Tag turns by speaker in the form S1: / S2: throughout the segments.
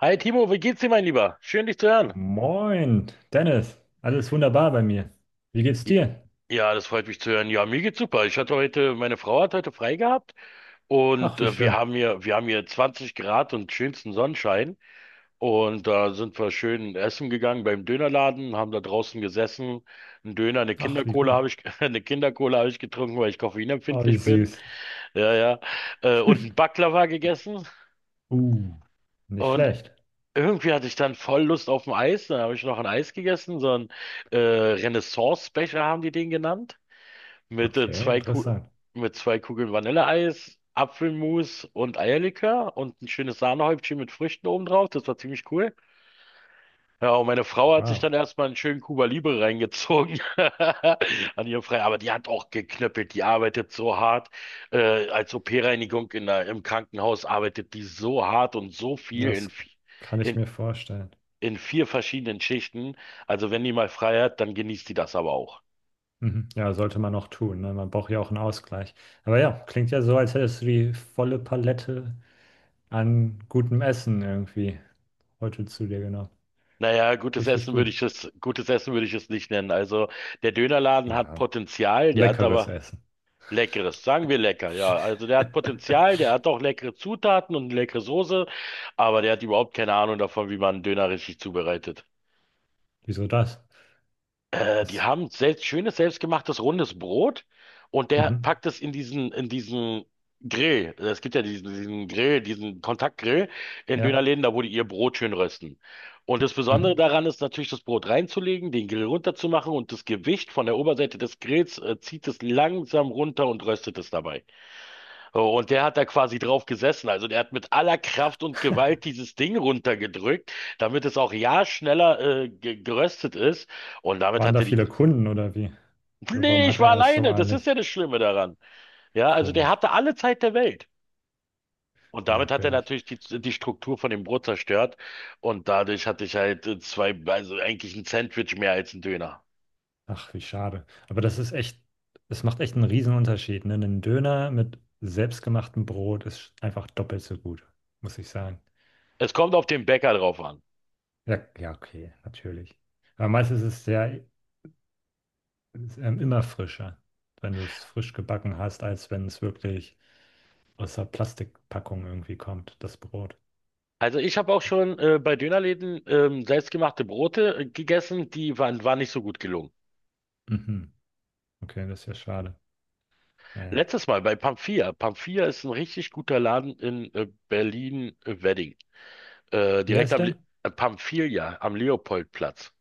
S1: Hi Timo, wie geht's dir, mein Lieber? Schön, dich zu hören.
S2: Moin, Dennis. Alles wunderbar bei mir. Wie geht's
S1: J-
S2: dir?
S1: Ja, das freut mich zu hören. Ja, mir geht's super. Ich hatte heute, meine Frau hat heute frei gehabt und
S2: Ach, wie schön.
S1: wir haben hier 20 Grad und schönsten Sonnenschein. Und da sind wir schön essen gegangen beim Dönerladen, haben da draußen gesessen. Ein Döner, eine
S2: Ach, wie
S1: Kindercola
S2: gut.
S1: habe ich, eine Kindercola habe ich getrunken, weil ich
S2: Ah, wie
S1: koffeinempfindlich bin.
S2: süß.
S1: Ja, ja. Und ein Baklava gegessen.
S2: Uh, nicht
S1: Und
S2: schlecht.
S1: Irgendwie hatte ich dann voll Lust auf ein Eis, dann habe ich noch ein Eis gegessen, so ein Renaissance-Becher haben die den genannt, mit,
S2: Okay,
S1: zwei Ku
S2: interessant.
S1: mit zwei Kugeln Vanilleeis, Apfelmus und Eierlikör und ein schönes Sahnehäubchen mit Früchten oben drauf, das war ziemlich cool. Ja, und meine Frau hat sich
S2: Wow,
S1: dann erstmal einen schönen Cuba Libre reingezogen an ihrem Freitag, aber die hat auch geknöppelt, die arbeitet so hart. Als OP-Reinigung im Krankenhaus arbeitet die so hart und so viel
S2: das kann ich
S1: in
S2: mir vorstellen.
S1: vier verschiedenen Schichten. Also wenn die mal frei hat, dann genießt die das aber auch.
S2: Mhm. Ja, sollte man auch tun, ne? Man braucht ja auch einen Ausgleich. Aber ja, klingt ja so, als hättest du die volle Palette an gutem Essen irgendwie heute zu dir genommen.
S1: Naja,
S2: Richtig gut.
S1: Gutes Essen würde ich es nicht nennen. Also der Dönerladen hat
S2: Ja,
S1: Potenzial, der hat
S2: leckeres
S1: aber...
S2: Essen.
S1: Leckeres, sagen wir lecker, ja. Also der hat Potenzial, der hat auch leckere Zutaten und leckere Soße, aber der hat überhaupt keine Ahnung davon, wie man einen Döner richtig zubereitet.
S2: Wieso das?
S1: Die
S2: Das,
S1: haben selbst schönes selbstgemachtes rundes Brot und der
S2: mhm.
S1: packt es in diesen Grill. Es gibt ja diesen Grill, diesen Kontaktgrill in
S2: Ja.
S1: Dönerläden, da wo die ihr Brot schön rösten. Und das Besondere
S2: Mhm.
S1: daran ist natürlich, das Brot reinzulegen, den Grill runterzumachen und das Gewicht von der Oberseite des Grills zieht es langsam runter und röstet es dabei. So. Und der hat da quasi drauf gesessen. Also der hat mit aller Kraft und Gewalt dieses Ding runtergedrückt, damit es auch ja schneller ge geröstet ist. Und damit
S2: Waren
S1: hat
S2: da
S1: er die...
S2: viele Kunden oder wie? Oder warum
S1: Nee, ich
S2: hatte
S1: war
S2: er es so
S1: alleine. Das ist
S2: eilig?
S1: ja das Schlimme daran. Ja, also der
S2: Komisch,
S1: hatte alle Zeit der Welt. Und damit hat er
S2: merkwürdig.
S1: natürlich die Struktur von dem Brot zerstört. Und dadurch hatte ich halt zwei, also eigentlich ein Sandwich mehr als ein Döner.
S2: Ach, wie schade. Aber das ist echt, es macht echt einen Riesenunterschied. Ne? Ein Döner mit selbstgemachtem Brot ist einfach doppelt so gut, muss ich sagen.
S1: Es kommt auf den Bäcker drauf an.
S2: Ja, ja, okay, natürlich. Aber meistens ist es ja immer frischer, wenn du es frisch gebacken hast, als wenn es wirklich aus der Plastikpackung irgendwie kommt, das Brot.
S1: Also ich habe auch schon bei Dönerläden selbstgemachte Brote gegessen, die waren nicht so gut gelungen.
S2: Mhm. Okay, das ist ja schade. Naja.
S1: Letztes Mal bei Pamphia. Pamphia ist ein richtig guter Laden in Berlin-Wedding.
S2: Wie
S1: Direkt
S2: heißt
S1: am Le
S2: der?
S1: Pamphilia, am Leopoldplatz.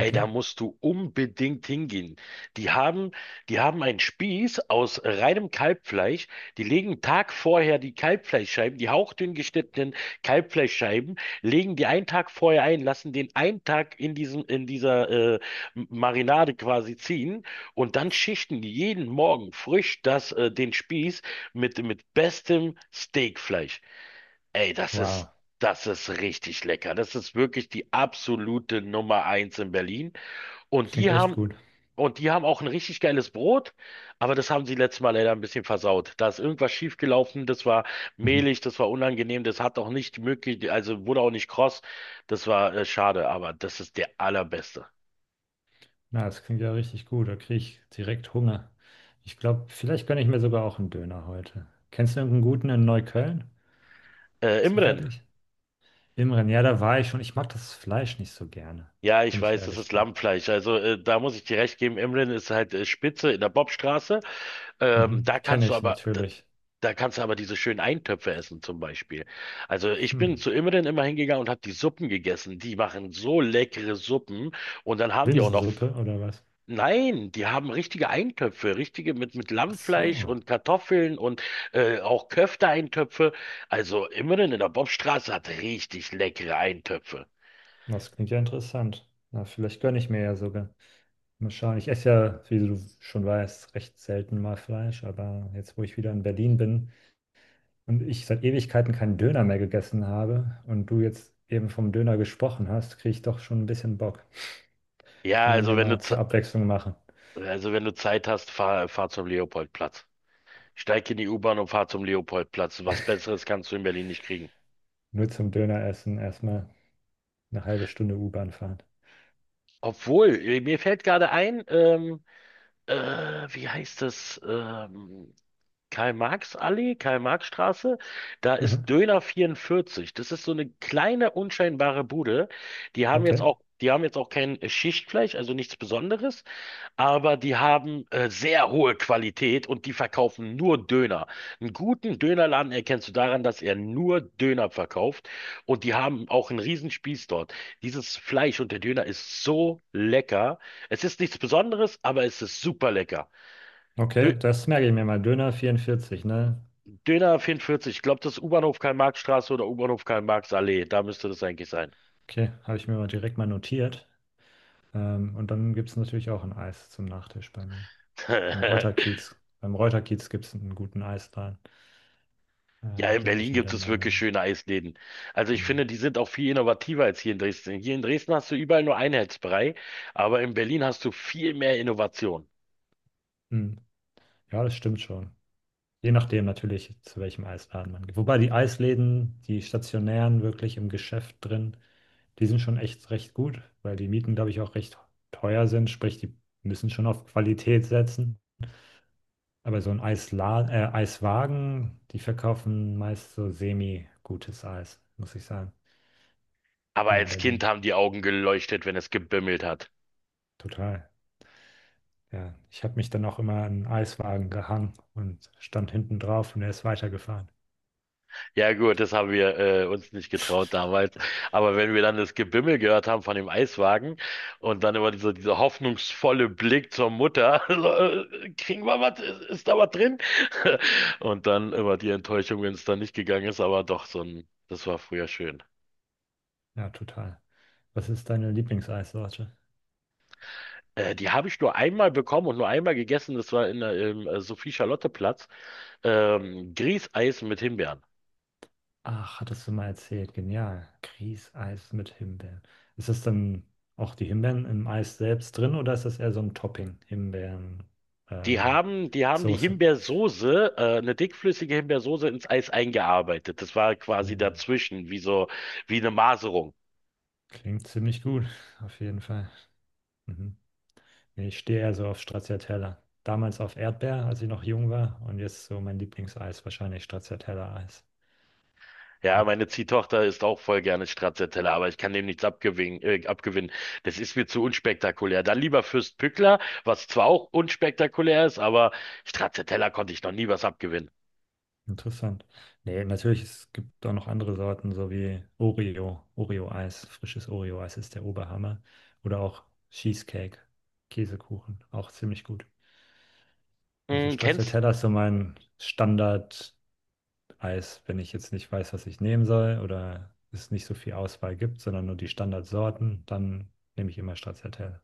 S1: Ey, da musst du unbedingt hingehen. Die haben, die haben einen Spieß aus reinem Kalbfleisch. Die legen einen Tag vorher die Kalbfleischscheiben, die hauchdünn geschnittenen Kalbfleischscheiben, legen die einen Tag vorher ein, lassen den einen Tag in in dieser äh, Marinade quasi ziehen und dann schichten die jeden Morgen frisch den Spieß mit bestem Steakfleisch. Ey, das ist
S2: Wow,
S1: Das ist richtig lecker. Das ist wirklich die absolute Nummer eins in Berlin. Und
S2: klingt
S1: die
S2: echt
S1: haben,
S2: gut.
S1: und die haben auch ein richtig geiles Brot, aber das haben sie letztes Mal leider ein bisschen versaut. Da ist irgendwas schiefgelaufen, das war
S2: Mhm.
S1: mehlig, das war unangenehm, das hat auch nicht möglich, also wurde auch nicht kross. Das war schade, aber das ist der allerbeste.
S2: Na, das klingt ja richtig gut. Da kriege ich direkt Hunger. Ich glaube, vielleicht gönne ich mir sogar auch einen Döner heute. Kennst du irgendeinen guten in Neukölln?
S1: Imren.
S2: Zufällig? Imren, ja, da war ich schon. Ich mag das Fleisch nicht so gerne,
S1: Ja,
S2: wenn
S1: ich
S2: ich
S1: weiß, das
S2: ehrlich
S1: ist
S2: bin.
S1: Lammfleisch. Also da muss ich dir recht geben, Imren ist halt Spitze in der Bobstraße. Ähm,
S2: Mhm.
S1: da kannst
S2: Kenne
S1: du
S2: ich
S1: aber,
S2: natürlich.
S1: Da kannst du aber diese schönen Eintöpfe essen zum Beispiel. Also ich
S2: Hm.
S1: bin zu Imren immer hingegangen und habe die Suppen gegessen. Die machen so leckere Suppen und dann haben die auch noch...
S2: Linsensuppe oder was?
S1: Nein, die haben richtige Eintöpfe, richtige mit
S2: Ach
S1: Lammfleisch
S2: so.
S1: und Kartoffeln und auch Köfte-Eintöpfe. Also Imren in der Bobstraße hat richtig leckere Eintöpfe.
S2: Das klingt ja interessant. Na, vielleicht gönne ich mir ja sogar. Mal schauen. Ich esse ja, wie du schon weißt, recht selten mal Fleisch, aber jetzt, wo ich wieder in Berlin bin, und ich seit Ewigkeiten keinen Döner mehr gegessen habe und du jetzt eben vom Döner gesprochen hast, kriege ich doch schon ein bisschen Bock.
S1: Ja,
S2: Kann man
S1: also
S2: ja
S1: wenn du
S2: mal zur
S1: Ze-
S2: Abwechslung machen.
S1: also wenn du Zeit hast, fahr zum Leopoldplatz. Steig in die U-Bahn und fahr zum Leopoldplatz. Was Besseres kannst du in Berlin nicht kriegen.
S2: Nur zum Döner essen, erstmal eine halbe Stunde U-Bahn fahren.
S1: Obwohl, mir fällt gerade ein, äh, wie heißt das? Karl-Marx-Allee, Karl-Marx-Straße, da ist
S2: Mhm.
S1: Döner 44. Das ist so eine kleine, unscheinbare Bude.
S2: Okay,
S1: Die haben jetzt auch kein Schichtfleisch, also nichts Besonderes, aber die haben sehr hohe Qualität und die verkaufen nur Döner. Einen guten Dönerladen erkennst du daran, dass er nur Döner verkauft und die haben auch einen Riesenspieß dort. Dieses Fleisch und der Döner ist so lecker. Es ist nichts Besonderes, aber es ist super lecker. Dö
S2: okay, das merke ich mir mal. Döner 44, ne?
S1: Döner 44, ich glaube, das ist U-Bahnhof Karl-Marx-Straße oder U-Bahnhof Karl-Marx-Allee. Da müsste das eigentlich sein.
S2: Okay, habe ich mir mal direkt mal notiert. Und dann gibt es natürlich auch ein Eis zum Nachtisch bei mir. Im Reuterkiez. Beim Reuterkiez gibt es einen guten Eisladen.
S1: Ja, in
S2: Gönne ich
S1: Berlin
S2: mir
S1: gibt
S2: dann
S1: es wirklich
S2: mal.
S1: schöne Eisläden. Also ich finde, die sind auch viel innovativer als hier in Dresden. Hier in Dresden hast du überall nur Einheitsbrei, aber in Berlin hast du viel mehr Innovation.
S2: Mhm. Ja, das stimmt schon. Je nachdem natürlich, zu welchem Eisladen man geht. Wobei die Eisläden, die stationären wirklich im Geschäft drin, die sind schon echt recht gut, weil die Mieten, glaube ich, auch recht teuer sind. Sprich, die müssen schon auf Qualität setzen. Aber so ein Eisla Eiswagen, die verkaufen meist so semi-gutes Eis, muss ich sagen,
S1: Aber
S2: hier in
S1: als Kind
S2: Berlin.
S1: haben die Augen geleuchtet, wenn es gebimmelt hat.
S2: Total. Ja, ich habe mich dann auch immer an einen Eiswagen gehangen und stand hinten drauf und er ist weitergefahren.
S1: Ja gut, das haben wir uns nicht getraut damals. Aber wenn wir dann das Gebimmel gehört haben von dem Eiswagen und dann immer dieser hoffnungsvolle Blick zur Mutter, so, kriegen wir was, ist da was drin? Und dann immer die Enttäuschung, wenn es dann nicht gegangen ist, aber doch so ein, das war früher schön.
S2: Ja, total. Was ist deine Lieblingseissorte?
S1: Die habe ich nur einmal bekommen und nur einmal gegessen, das war in der, im Sophie-Charlotte-Platz, Grießeis mit Himbeeren.
S2: Ach, hattest du mal erzählt. Genial. Grießeis mit Himbeeren. Ist das dann auch die Himbeeren im Eis selbst drin oder ist das eher so ein Topping? Himbeeren, ähm,
S1: Die haben die
S2: Soße.
S1: Himbeersoße, eine dickflüssige Himbeersoße ins Eis eingearbeitet. Das war
S2: Uh,
S1: quasi dazwischen, wie so, wie eine Maserung.
S2: klingt ziemlich gut, auf jeden Fall. Mhm. Nee, ich stehe eher so auf Stracciatella. Damals auf Erdbeer, als ich noch jung war und jetzt so mein Lieblingseis, wahrscheinlich Stracciatella-Eis.
S1: Ja,
S2: Ja.
S1: meine Ziehtochter isst auch voll gerne Stracciatella, aber ich kann dem nichts abgewinnen, abgewinnen. Das ist mir zu unspektakulär. Dann lieber Fürst Pückler, was zwar auch unspektakulär ist, aber Stracciatella konnte ich noch nie was abgewinnen.
S2: Interessant. Nee, natürlich, es gibt auch noch andere Sorten, so wie Oreo, Oreo-Eis, frisches Oreo-Eis ist der Oberhammer. Oder auch Cheesecake, Käsekuchen, auch ziemlich gut. Also
S1: Mm, kennst,
S2: Stracciatella ist so mein Standard-Eis, wenn ich jetzt nicht weiß, was ich nehmen soll oder es nicht so viel Auswahl gibt, sondern nur die Standardsorten, dann nehme ich immer Stracciatella.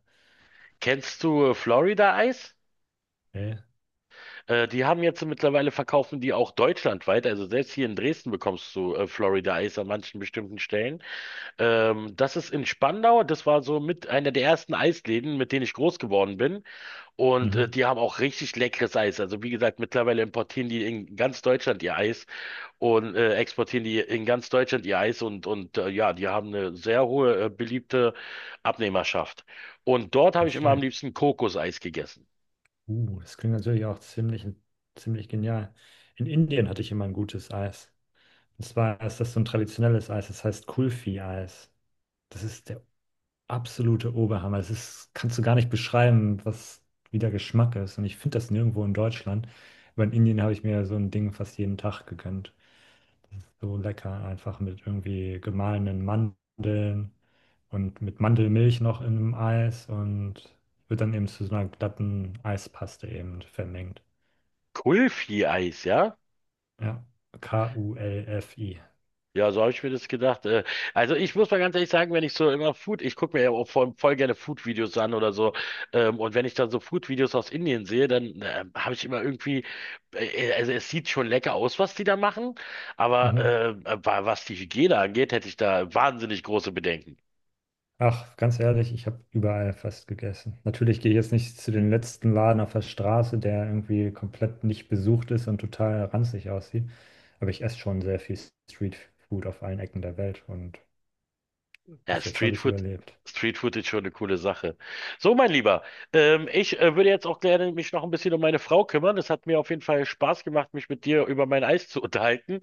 S1: kennst du Florida-Eis?
S2: Nee,
S1: Die haben jetzt mittlerweile verkaufen die auch deutschlandweit. Also selbst hier in Dresden bekommst du Florida Eis an manchen bestimmten Stellen. Das ist in Spandau. Das war so mit einer der ersten Eisläden, mit denen ich groß geworden bin. Und
S2: mhm.
S1: die haben auch richtig leckeres Eis. Also wie gesagt, mittlerweile importieren die in ganz Deutschland ihr Eis und exportieren die in ganz Deutschland ihr Eis. Ja, die haben eine sehr hohe beliebte Abnehmerschaft. Und dort habe ich
S2: Nicht
S1: immer am
S2: schlecht.
S1: liebsten Kokoseis gegessen.
S2: Das klingt natürlich auch ziemlich, ziemlich genial. In Indien hatte ich immer ein gutes Eis. Und zwar ist das so ein traditionelles Eis, das heißt Kulfi-Eis. Das ist der absolute Oberhammer. Das ist, kannst du gar nicht beschreiben, was, wie der Geschmack ist. Und ich finde das nirgendwo in Deutschland. Aber in Indien habe ich mir so ein Ding fast jeden Tag gegönnt. Das ist so lecker, einfach mit irgendwie gemahlenen Mandeln und mit Mandelmilch noch in einem Eis und wird dann eben zu so einer glatten Eispaste eben vermengt.
S1: Kulfi-Eis, ja?
S2: Ja, Kulfi.
S1: Ja, so habe ich mir das gedacht. Also ich muss mal ganz ehrlich sagen, wenn ich so immer Food, ich gucke mir ja auch voll gerne Food-Videos an oder so. Und wenn ich dann so Food-Videos aus Indien sehe, dann habe ich immer irgendwie, also es sieht schon lecker aus, was die da machen, aber
S2: Mhm.
S1: was die Hygiene angeht, hätte ich da wahnsinnig große Bedenken.
S2: Ach, ganz ehrlich, ich habe überall fast gegessen. Natürlich gehe ich jetzt nicht zu den letzten Laden auf der Straße, der irgendwie komplett nicht besucht ist und total ranzig aussieht. Aber ich esse schon sehr viel Streetfood auf allen Ecken der Welt und
S1: Ja,
S2: bis jetzt habe ich es
S1: Streetfood,
S2: überlebt.
S1: Streetfood ist schon eine coole Sache. So, mein Lieber, ich würde jetzt auch gerne mich noch ein bisschen um meine Frau kümmern. Es hat mir auf jeden Fall Spaß gemacht, mich mit dir über mein Eis zu unterhalten.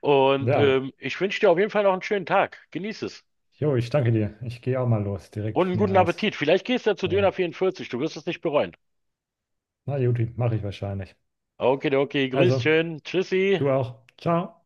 S1: Und
S2: Ja,
S1: ich wünsche dir auf jeden Fall noch einen schönen Tag. Genieß es.
S2: jo, ich danke dir. Ich gehe auch mal los,
S1: Und
S2: direkt
S1: einen
S2: mir ein
S1: guten
S2: Eis
S1: Appetit. Vielleicht gehst du ja zu Döner
S2: holen.
S1: 44. Du wirst es nicht bereuen.
S2: Na, Juti, mache ich wahrscheinlich.
S1: Okay, okay. Grüß
S2: Also,
S1: schön. Tschüssi.
S2: du auch. Ciao.